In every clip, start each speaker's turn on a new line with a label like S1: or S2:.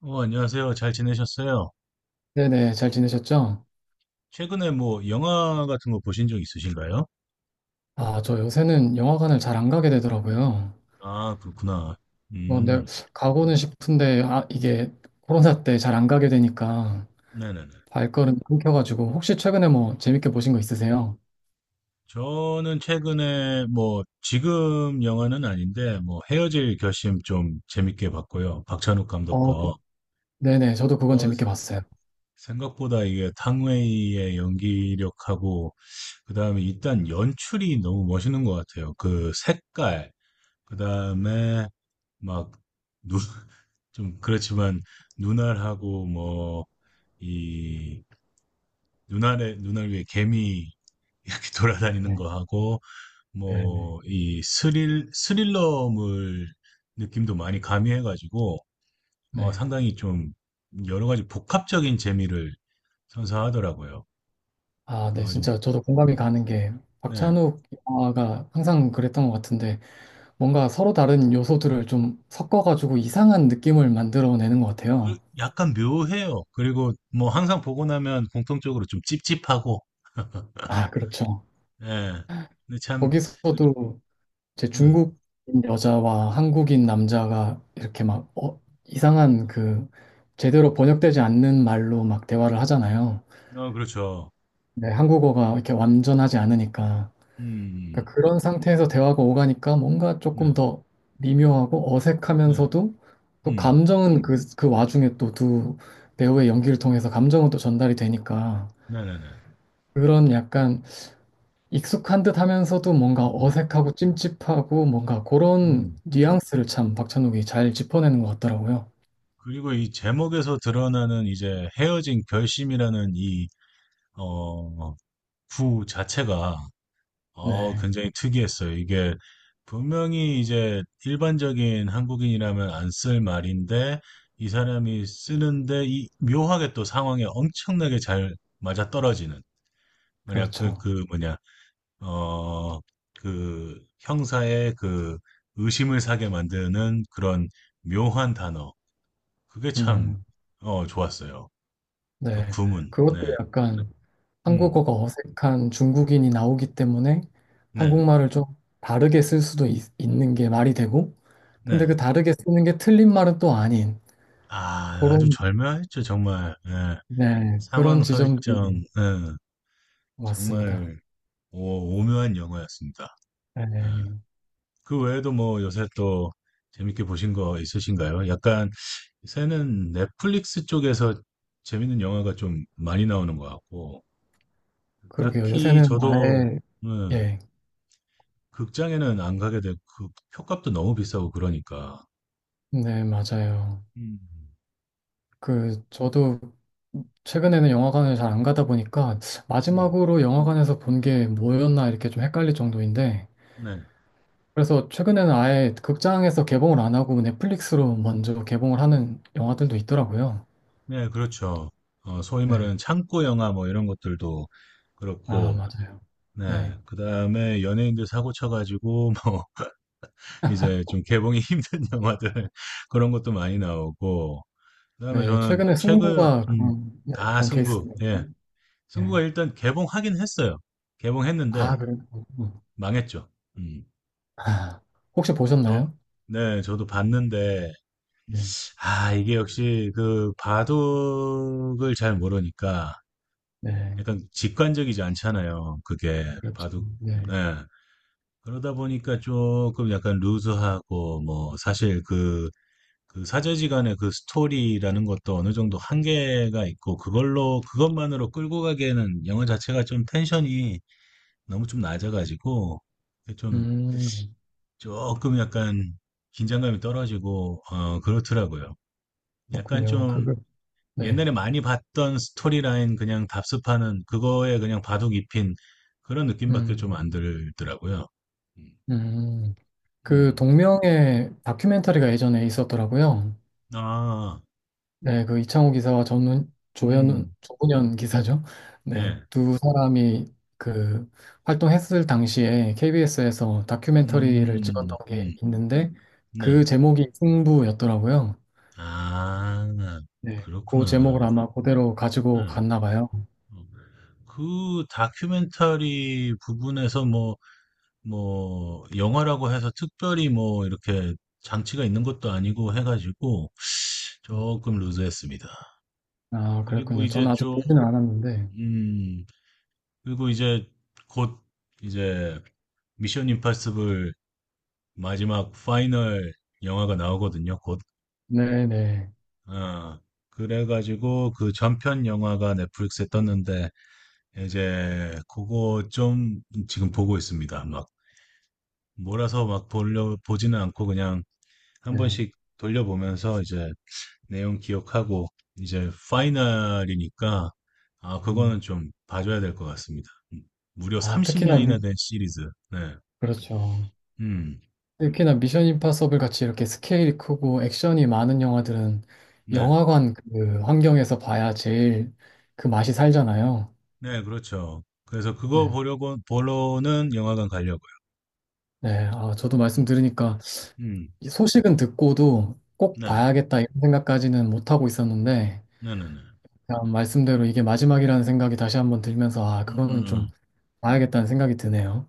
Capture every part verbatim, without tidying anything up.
S1: 어, 안녕하세요. 잘 지내셨어요?
S2: 네네, 잘 지내셨죠?
S1: 최근에 뭐 영화 같은 거 보신 적 있으신가요?
S2: 아, 저 요새는 영화관을 잘 안 가게 되더라고요.
S1: 아, 그렇구나.
S2: 뭐, 내
S1: 음,
S2: 가고는 싶은데, 아, 이게 코로나 때 잘 안 가게 되니까
S1: 네네네.
S2: 발걸음이 끊겨가지고, 혹시 최근에 뭐 재밌게 보신 거 있으세요?
S1: 저는 최근에 뭐 지금 영화는 아닌데 뭐 헤어질 결심 좀 재밌게 봤고요. 박찬욱 감독
S2: 어,
S1: 거.
S2: 그- 네네, 저도 그건
S1: 어,
S2: 재밌게 봤어요.
S1: 생각보다 이게 탕웨이의 연기력하고 그다음에 일단 연출이 너무 멋있는 것 같아요. 그 색깔, 그다음에 막 눈, 좀 그렇지만 눈알하고 뭐 이 눈알에 눈알 위에 개미 이렇게 돌아다니는
S2: 네,
S1: 거 하고
S2: 네네,
S1: 뭐 이 스릴 스릴러물 느낌도 많이 가미해가지고 어,
S2: 네.
S1: 상당히 좀 여러 가지 복합적인 재미를 선사하더라고요.
S2: 아, 네,
S1: 그래서 아주
S2: 진짜 저도 공감이 가는 게,
S1: 네,
S2: 박찬욱 영화가 항상 그랬던 것 같은데, 뭔가 서로 다른 요소들을 좀 섞어가지고 이상한 느낌을 만들어내는 것
S1: 그
S2: 같아요.
S1: 약간 묘해요. 그리고 뭐 항상 보고 나면 공통적으로 좀 찝찝하고
S2: 아, 그렇죠.
S1: 예, 근데 참
S2: 거기서도 제
S1: 음,
S2: 중국인 여자와 한국인 남자가 이렇게 막 어, 이상한 그 제대로 번역되지 않는 말로 막 대화를 하잖아요.
S1: 어, 그렇죠.
S2: 네, 한국어가 이렇게 완전하지 않으니까.
S1: 음, 음.
S2: 그러니까 그런 상태에서 대화가 오가니까 뭔가
S1: 네,
S2: 조금 더 미묘하고
S1: 네,
S2: 어색하면서도 또
S1: 음,
S2: 감정은 그, 그 와중에 또 두 배우의 연기를 통해서 감정은 또 전달이 되니까
S1: 네, 네, 네,
S2: 그런 약간 익숙한 듯 하면서도 뭔가
S1: 음,
S2: 어색하고 찜찜하고 뭔가 그런
S1: 네.
S2: 뉘앙스를 참 박찬욱이 잘 짚어내는 것 같더라고요.
S1: 그리고 이 제목에서 드러나는 이제 헤어진 결심이라는 이, 어, 구 자체가, 어,
S2: 네,
S1: 굉장히 특이했어요. 이게 분명히 이제 일반적인 한국인이라면 안 쓸 말인데, 이 사람이 쓰는데, 이 묘하게 또 상황에 엄청나게 잘 맞아떨어지는, 뭐냐, 그,
S2: 그렇죠.
S1: 그, 뭐냐, 어, 그 형사의 그 의심을 사게 만드는 그런 묘한 단어. 그게 참,
S2: 음,
S1: 어, 좋았어요. 그
S2: 네.
S1: 구문.
S2: 그것도
S1: 네.
S2: 약간
S1: 음.
S2: 한국어가 어색한 중국인이 나오기 때문에
S1: 네.
S2: 한국말을 좀 다르게 쓸 수도 있, 있는 게 말이 되고,
S1: 네.
S2: 근데 그 다르게 쓰는 게 틀린 말은 또 아닌
S1: 아, 아주
S2: 그런,
S1: 절묘했죠 정말. 예.
S2: 네, 그런
S1: 상황 설정
S2: 지점들이
S1: 예.
S2: 맞습니다.
S1: 정말 오 오묘한 영화였습니다. 예.
S2: 네,
S1: 그 외에도 뭐 요새 또 재밌게 보신 거 있으신가요? 약간 요새는 넷플릭스 쪽에서 재밌는 영화가 좀 많이 나오는 것 같고
S2: 그러게요.
S1: 딱히
S2: 요새는
S1: 저도
S2: 아예,
S1: 예.
S2: 예,
S1: 극장에는 안 가게 되고 그 표값도 너무 비싸고 그러니까.
S2: 네, 맞아요.
S1: 음.
S2: 그, 저도 최근에는 영화관을 잘 안 가다 보니까
S1: 네.
S2: 마지막으로 영화관에서 본 게 뭐였나 이렇게 좀 헷갈릴 정도인데
S1: 네.
S2: 그래서 최근에는 아예 극장에서 개봉을 안 하고 넷플릭스로 먼저 개봉을 하는 영화들도 있더라고요.
S1: 네, 그렇죠. 어, 소위
S2: 네.
S1: 말하는 창고 영화 뭐 이런 것들도
S2: 아,
S1: 그렇고,
S2: 맞아요. 네.
S1: 네. 그 다음에 연예인들 사고 쳐가지고, 뭐, 이제 좀 개봉이 힘든 영화들, 그런 것도 많이 나오고, 그 다음에
S2: 네.
S1: 저는
S2: 최근에
S1: 최근,
S2: 승부가
S1: 음,
S2: 그런, 네,
S1: 아,
S2: 그런
S1: 승부.
S2: 케이스네요.
S1: 예.
S2: 네.
S1: 승부가 일단 개봉하긴 했어요.
S2: 아,
S1: 개봉했는데,
S2: 그래요? 음.
S1: 망했죠. 음,
S2: 아, 혹시
S1: 저,
S2: 보셨나요?
S1: 네, 저도 봤는데,
S2: 네.
S1: 아, 이게 역시 그 바둑을 잘 모르니까,
S2: 네.
S1: 약간 직관적이지 않잖아요. 그게
S2: 그렇죠.
S1: 바둑,
S2: 네.
S1: 네. 그러다 보니까 조금 약간 루즈하고, 뭐, 사실 그, 그 사제지간의 그 스토리라는 것도 어느 정도 한계가 있고, 그걸로, 그것만으로 끌고 가기에는 영화 자체가 좀 텐션이 너무 좀 낮아가지고, 좀,
S2: 음,
S1: 조금 약간 긴장감이 떨어지고, 어, 그렇더라고요. 약간
S2: 그렇군요.
S1: 좀,
S2: 그거, 네.
S1: 옛날에 많이 봤던 스토리라인 그냥 답습하는 그거에 그냥 바둑 입힌 그런 느낌밖에 좀
S2: 음,
S1: 안 들더라고요. 음,
S2: 음. 그
S1: 음.
S2: 동명의 다큐멘터리가 예전에 있었더라고요.
S1: 아,
S2: 네. 네, 그 이창호 기사와 전훈, 조현
S1: 음,
S2: 조훈현 기사죠. 네,
S1: 네,
S2: 두 사람이 그 활동했을 당시에 케이비에스에서 다큐멘터리를
S1: 음,
S2: 찍었던 게
S1: 음,
S2: 있는데 그
S1: 네.
S2: 제목이 승부였더라고요.
S1: 아,
S2: 네, 그
S1: 그렇구나.
S2: 제목을 아마 그대로
S1: 네.
S2: 가지고 갔나 봐요.
S1: 어, 그 다큐멘터리 부분에서 뭐, 뭐, 영화라고 해서 특별히 뭐, 이렇게 장치가 있는 것도 아니고 해가지고 조금 루즈했습니다.
S2: 아,
S1: 그리고
S2: 그랬군요.
S1: 이제
S2: 저는 아직
S1: 좀,
S2: 보지는 않았는데.
S1: 음, 그리고 이제 곧 이제 미션 임파서블 마지막 파이널 영화가 나오거든요. 곧.
S2: 네네. 네.
S1: 어, 그래가지고 그 전편 영화가 넷플릭스에 떴는데 이제 그거 좀 지금 보고 있습니다. 막 몰아서 막 돌려 보지는 않고 그냥 한
S2: 네, 네.
S1: 번씩 돌려보면서 이제 내용 기억하고 이제 파이널이니까 아, 그거는
S2: 음.
S1: 좀 봐줘야 될 것 같습니다. 음, 무려
S2: 아, 특히나,
S1: 삼십 년이나
S2: 미-
S1: 된 시리즈. 네.
S2: 그렇죠.
S1: 음.
S2: 특히나 미션 임파서블 같이 이렇게 스케일이 크고 액션이 많은 영화들은
S1: 네.
S2: 영화관 그 환경에서 봐야 제일 그 맛이 살잖아요.
S1: 네, 그렇죠. 그래서
S2: 네.
S1: 그거 보려고, 보러는 영화관 가려고요.
S2: 네. 아, 저도
S1: 음,
S2: 말씀 들으니까
S1: 음,
S2: 이 소식은 듣고도 꼭
S1: 네,
S2: 봐야겠다 이런 생각까지는 못 하고 있었는데
S1: 네네네.
S2: 그냥 말씀대로 이게 마지막이라는 생각이 다시 한번 들면서 아,
S1: 음, 음,
S2: 그거는 좀
S1: 음.
S2: 봐야겠다는 생각이 드네요.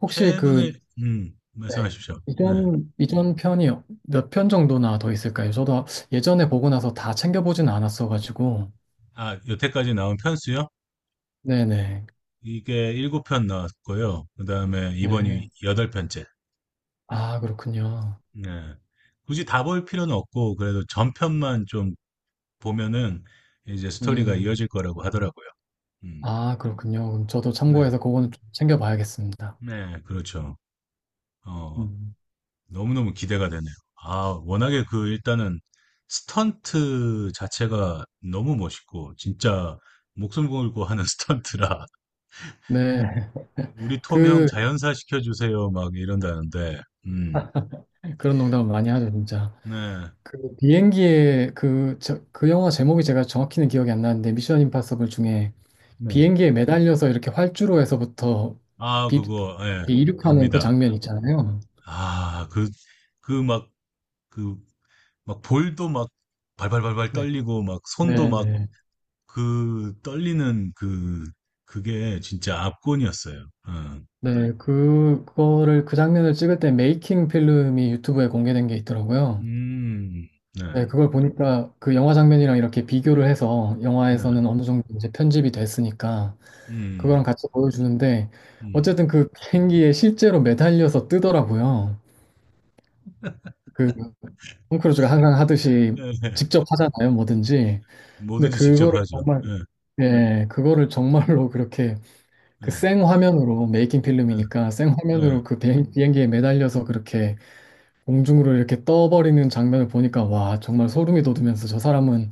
S2: 혹시
S1: 최근에,
S2: 그
S1: 음,
S2: 네.
S1: 말씀하십시오. 네.
S2: 이전 이전 편이 몇 편 정도나 더 있을까요? 저도 예전에 보고 나서 다 챙겨보진 않았어가지고.
S1: 아, 여태까지 나온 편수요?
S2: 네네.
S1: 이게 칠 편 나왔고요. 그 다음에
S2: 네.
S1: 이번이 팔 편째.
S2: 아, 그렇군요.
S1: 네. 굳이 다 볼 필요는 없고, 그래도 전편만 좀 보면은 이제 스토리가
S2: 음.
S1: 이어질 거라고 하더라고요. 음,
S2: 아, 그렇군요. 그럼 저도
S1: 네,
S2: 참고해서 그거는 좀 챙겨봐야겠습니다.
S1: 네, 그렇죠. 어,
S2: 음.
S1: 너무너무 기대가 되네요. 아, 워낙에 그 일단은 스턴트 자체가 너무 멋있고 진짜 목숨 걸고 하는 스턴트라
S2: 네.
S1: 우리 톰 형
S2: 그,
S1: 자연사 시켜주세요 막 이런다는데 음,
S2: 그런 농담을 많이 하죠, 진짜.
S1: 네,
S2: 그 비행기에 그, 저, 그 영화 제목이 제가 정확히는 기억이 안 나는데, 미션 임파서블 중에
S1: 네.
S2: 비행기에 매달려서 이렇게 활주로 에서부터
S1: 아,
S2: 비,
S1: 그거 예,
S2: 비- 이륙하는 그
S1: 압니다.
S2: 장면 있잖아요.
S1: 아, 그, 그 막, 그, 막 볼도 막 발발발발
S2: 네.
S1: 떨리고 막 손도 막
S2: 네네.
S1: 그 떨리는 그, 그게 진짜 압권이었어요. 어.
S2: 네, 그, 그거를 그 장면을 찍을 때 메이킹 필름이 유튜브에 공개된 게 있더라고요.
S1: 음, 네.
S2: 네, 그걸 보니까 그 영화 장면이랑 이렇게 비교를 해서
S1: 네.
S2: 영화에서는 어느 음. 정도 이제 편집이 됐으니까
S1: 음.
S2: 그거랑 같이 보여주는데
S1: 음.
S2: 어쨌든 그 비행기에 실제로 매달려서 뜨더라고요. 그 톰 크루즈가 항상 하듯이
S1: 예. 예.
S2: 직접 하잖아요, 뭐든지. 근데
S1: 뭐든지 직접
S2: 그거를
S1: 하죠.
S2: 정말
S1: 예.
S2: 예, 그거를 정말로 그렇게 그
S1: 예.
S2: 생화면으로 메이킹
S1: 예.
S2: 필름이니까
S1: 예.
S2: 생화면으로 그 비행- 비행기에 매달려서 그렇게 공중으로 이렇게 떠버리는 장면을 보니까 와, 정말 소름이 돋으면서 저 사람은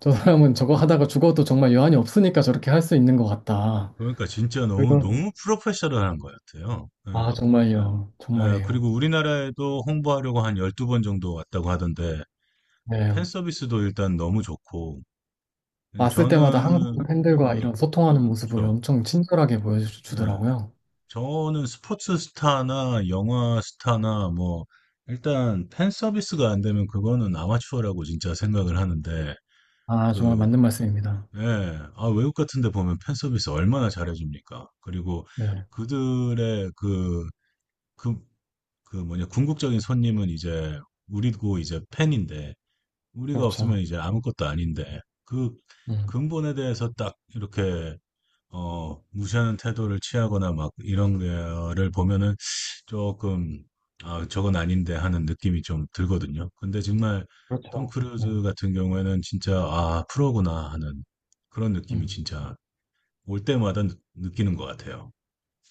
S2: 저 사람은 저거 하다가 죽어도 정말 여한이 없으니까 저렇게 할 수 있는 것 같다.
S1: 그러니까 진짜 너무
S2: 그리고-
S1: 너무 프로페셔널한 것 같아요. 예.
S2: 아, 정말요.
S1: 예.
S2: 정말이에요.
S1: 그리고 우리나라에도 홍보하려고 한 열두 번 정도 왔다고 하던데
S2: 네.
S1: 팬 서비스도 일단 너무 좋고 예,
S2: 왔을 때마다
S1: 저는
S2: 한국 팬들과 이런 소통하는
S1: 예,
S2: 모습을
S1: 그렇죠.
S2: 엄청 친절하게
S1: 네.
S2: 보여주더라고요.
S1: 저는 스포츠 스타나 영화 스타나 뭐 일단 팬 서비스가 안 되면 그거는 아마추어라고 진짜 생각을 하는데
S2: 아, 정말
S1: 그
S2: 맞는 말씀입니다.
S1: 예. 아, 외국 같은 데 보면 팬 서비스 얼마나 잘해줍니까? 그리고
S2: 네.
S1: 그들의 그, 그, 그 뭐냐, 궁극적인 손님은 이제 우리고 이제 팬인데, 우리가 없으면
S2: 그렇죠.
S1: 이제 아무것도 아닌데, 그
S2: 음.
S1: 근본에 대해서 딱 이렇게 어, 무시하는 태도를 취하거나 막 이런 거를 보면은 조금, 아, 저건 아닌데 하는 느낌이 좀 들거든요. 근데 정말 톰
S2: 그렇죠. 네.
S1: 크루즈 같은 경우에는 진짜, 아, 프로구나 하는 그런 느낌이
S2: 음.
S1: 진짜 올 때마다 느, 끼는것 같아요.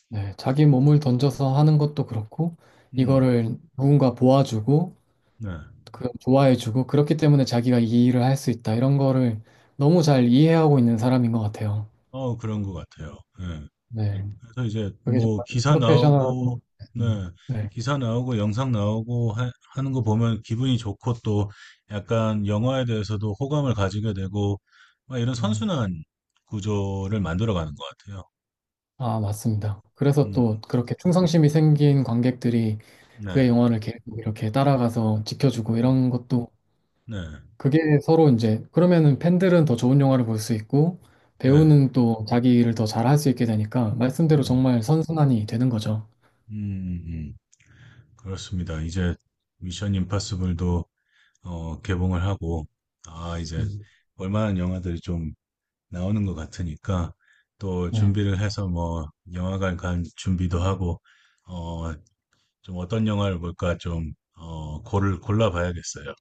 S2: 네. 자기 몸을 던져서 하는 것도 그렇고,
S1: 음,
S2: 이거를 누군가 보아주고,
S1: 네.
S2: 그 좋아해주고, 그렇기 때문에 자기가 이 일을 할 수 있다. 이런 거를 너무 잘 이해하고 있는 사람인 것 같아요.
S1: 어, 그런 것 같아요. 예.
S2: 네.
S1: 그래서 이제
S2: 그게
S1: 뭐
S2: 정말
S1: 기사
S2: 프로페셔널한
S1: 나오고, 네,
S2: 네.
S1: 기사 나오고 영상 나오고 하, 는거 보면 기분이 좋고 또 약간 영화에 대해서도 호감을 가지게 되고 막 이런
S2: 음.
S1: 선순환 구조를 만들어가는 것 같아요.
S2: 아, 맞습니다. 그래서
S1: 음,
S2: 또 그렇게
S1: 음,
S2: 충성심이 생긴 관객들이
S1: 네,
S2: 그의 영화를 계속 이렇게 따라가서 지켜주고
S1: 음,
S2: 이런 것도
S1: 네,
S2: 그게 서로 이제 그러면은 팬들은 더 좋은 영화를 볼 수 있고
S1: 네,
S2: 배우는 또 자기 일을 더 잘할 수 있게 되니까
S1: 네,
S2: 말씀대로
S1: 음,
S2: 정말 선순환이 되는 거죠.
S1: 음, 음. 그렇습니다. 이제 미션 임파서블도 어, 개봉을 하고 아, 이제
S2: 음.
S1: 얼마나 영화들이 좀 나오는 것 같으니까 또
S2: 네.
S1: 준비를 해서 뭐 영화관 간 준비도 하고 어 좀 어떤 영화를 볼까 좀 어 고를 골라 봐야겠어요.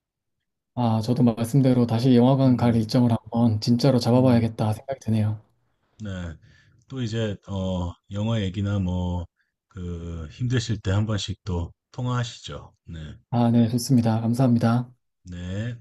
S2: 아, 저도 말씀대로 다시 영화관 갈
S1: 음,
S2: 일정을 한번 진짜로
S1: 음,
S2: 잡아봐야겠다 생각이 드네요.
S1: 네. 또 이제 어 영화 얘기나 뭐 그 힘드실 때 한 번씩 또 통화하시죠. 네,
S2: 아, 네, 좋습니다. 감사합니다.
S1: 네.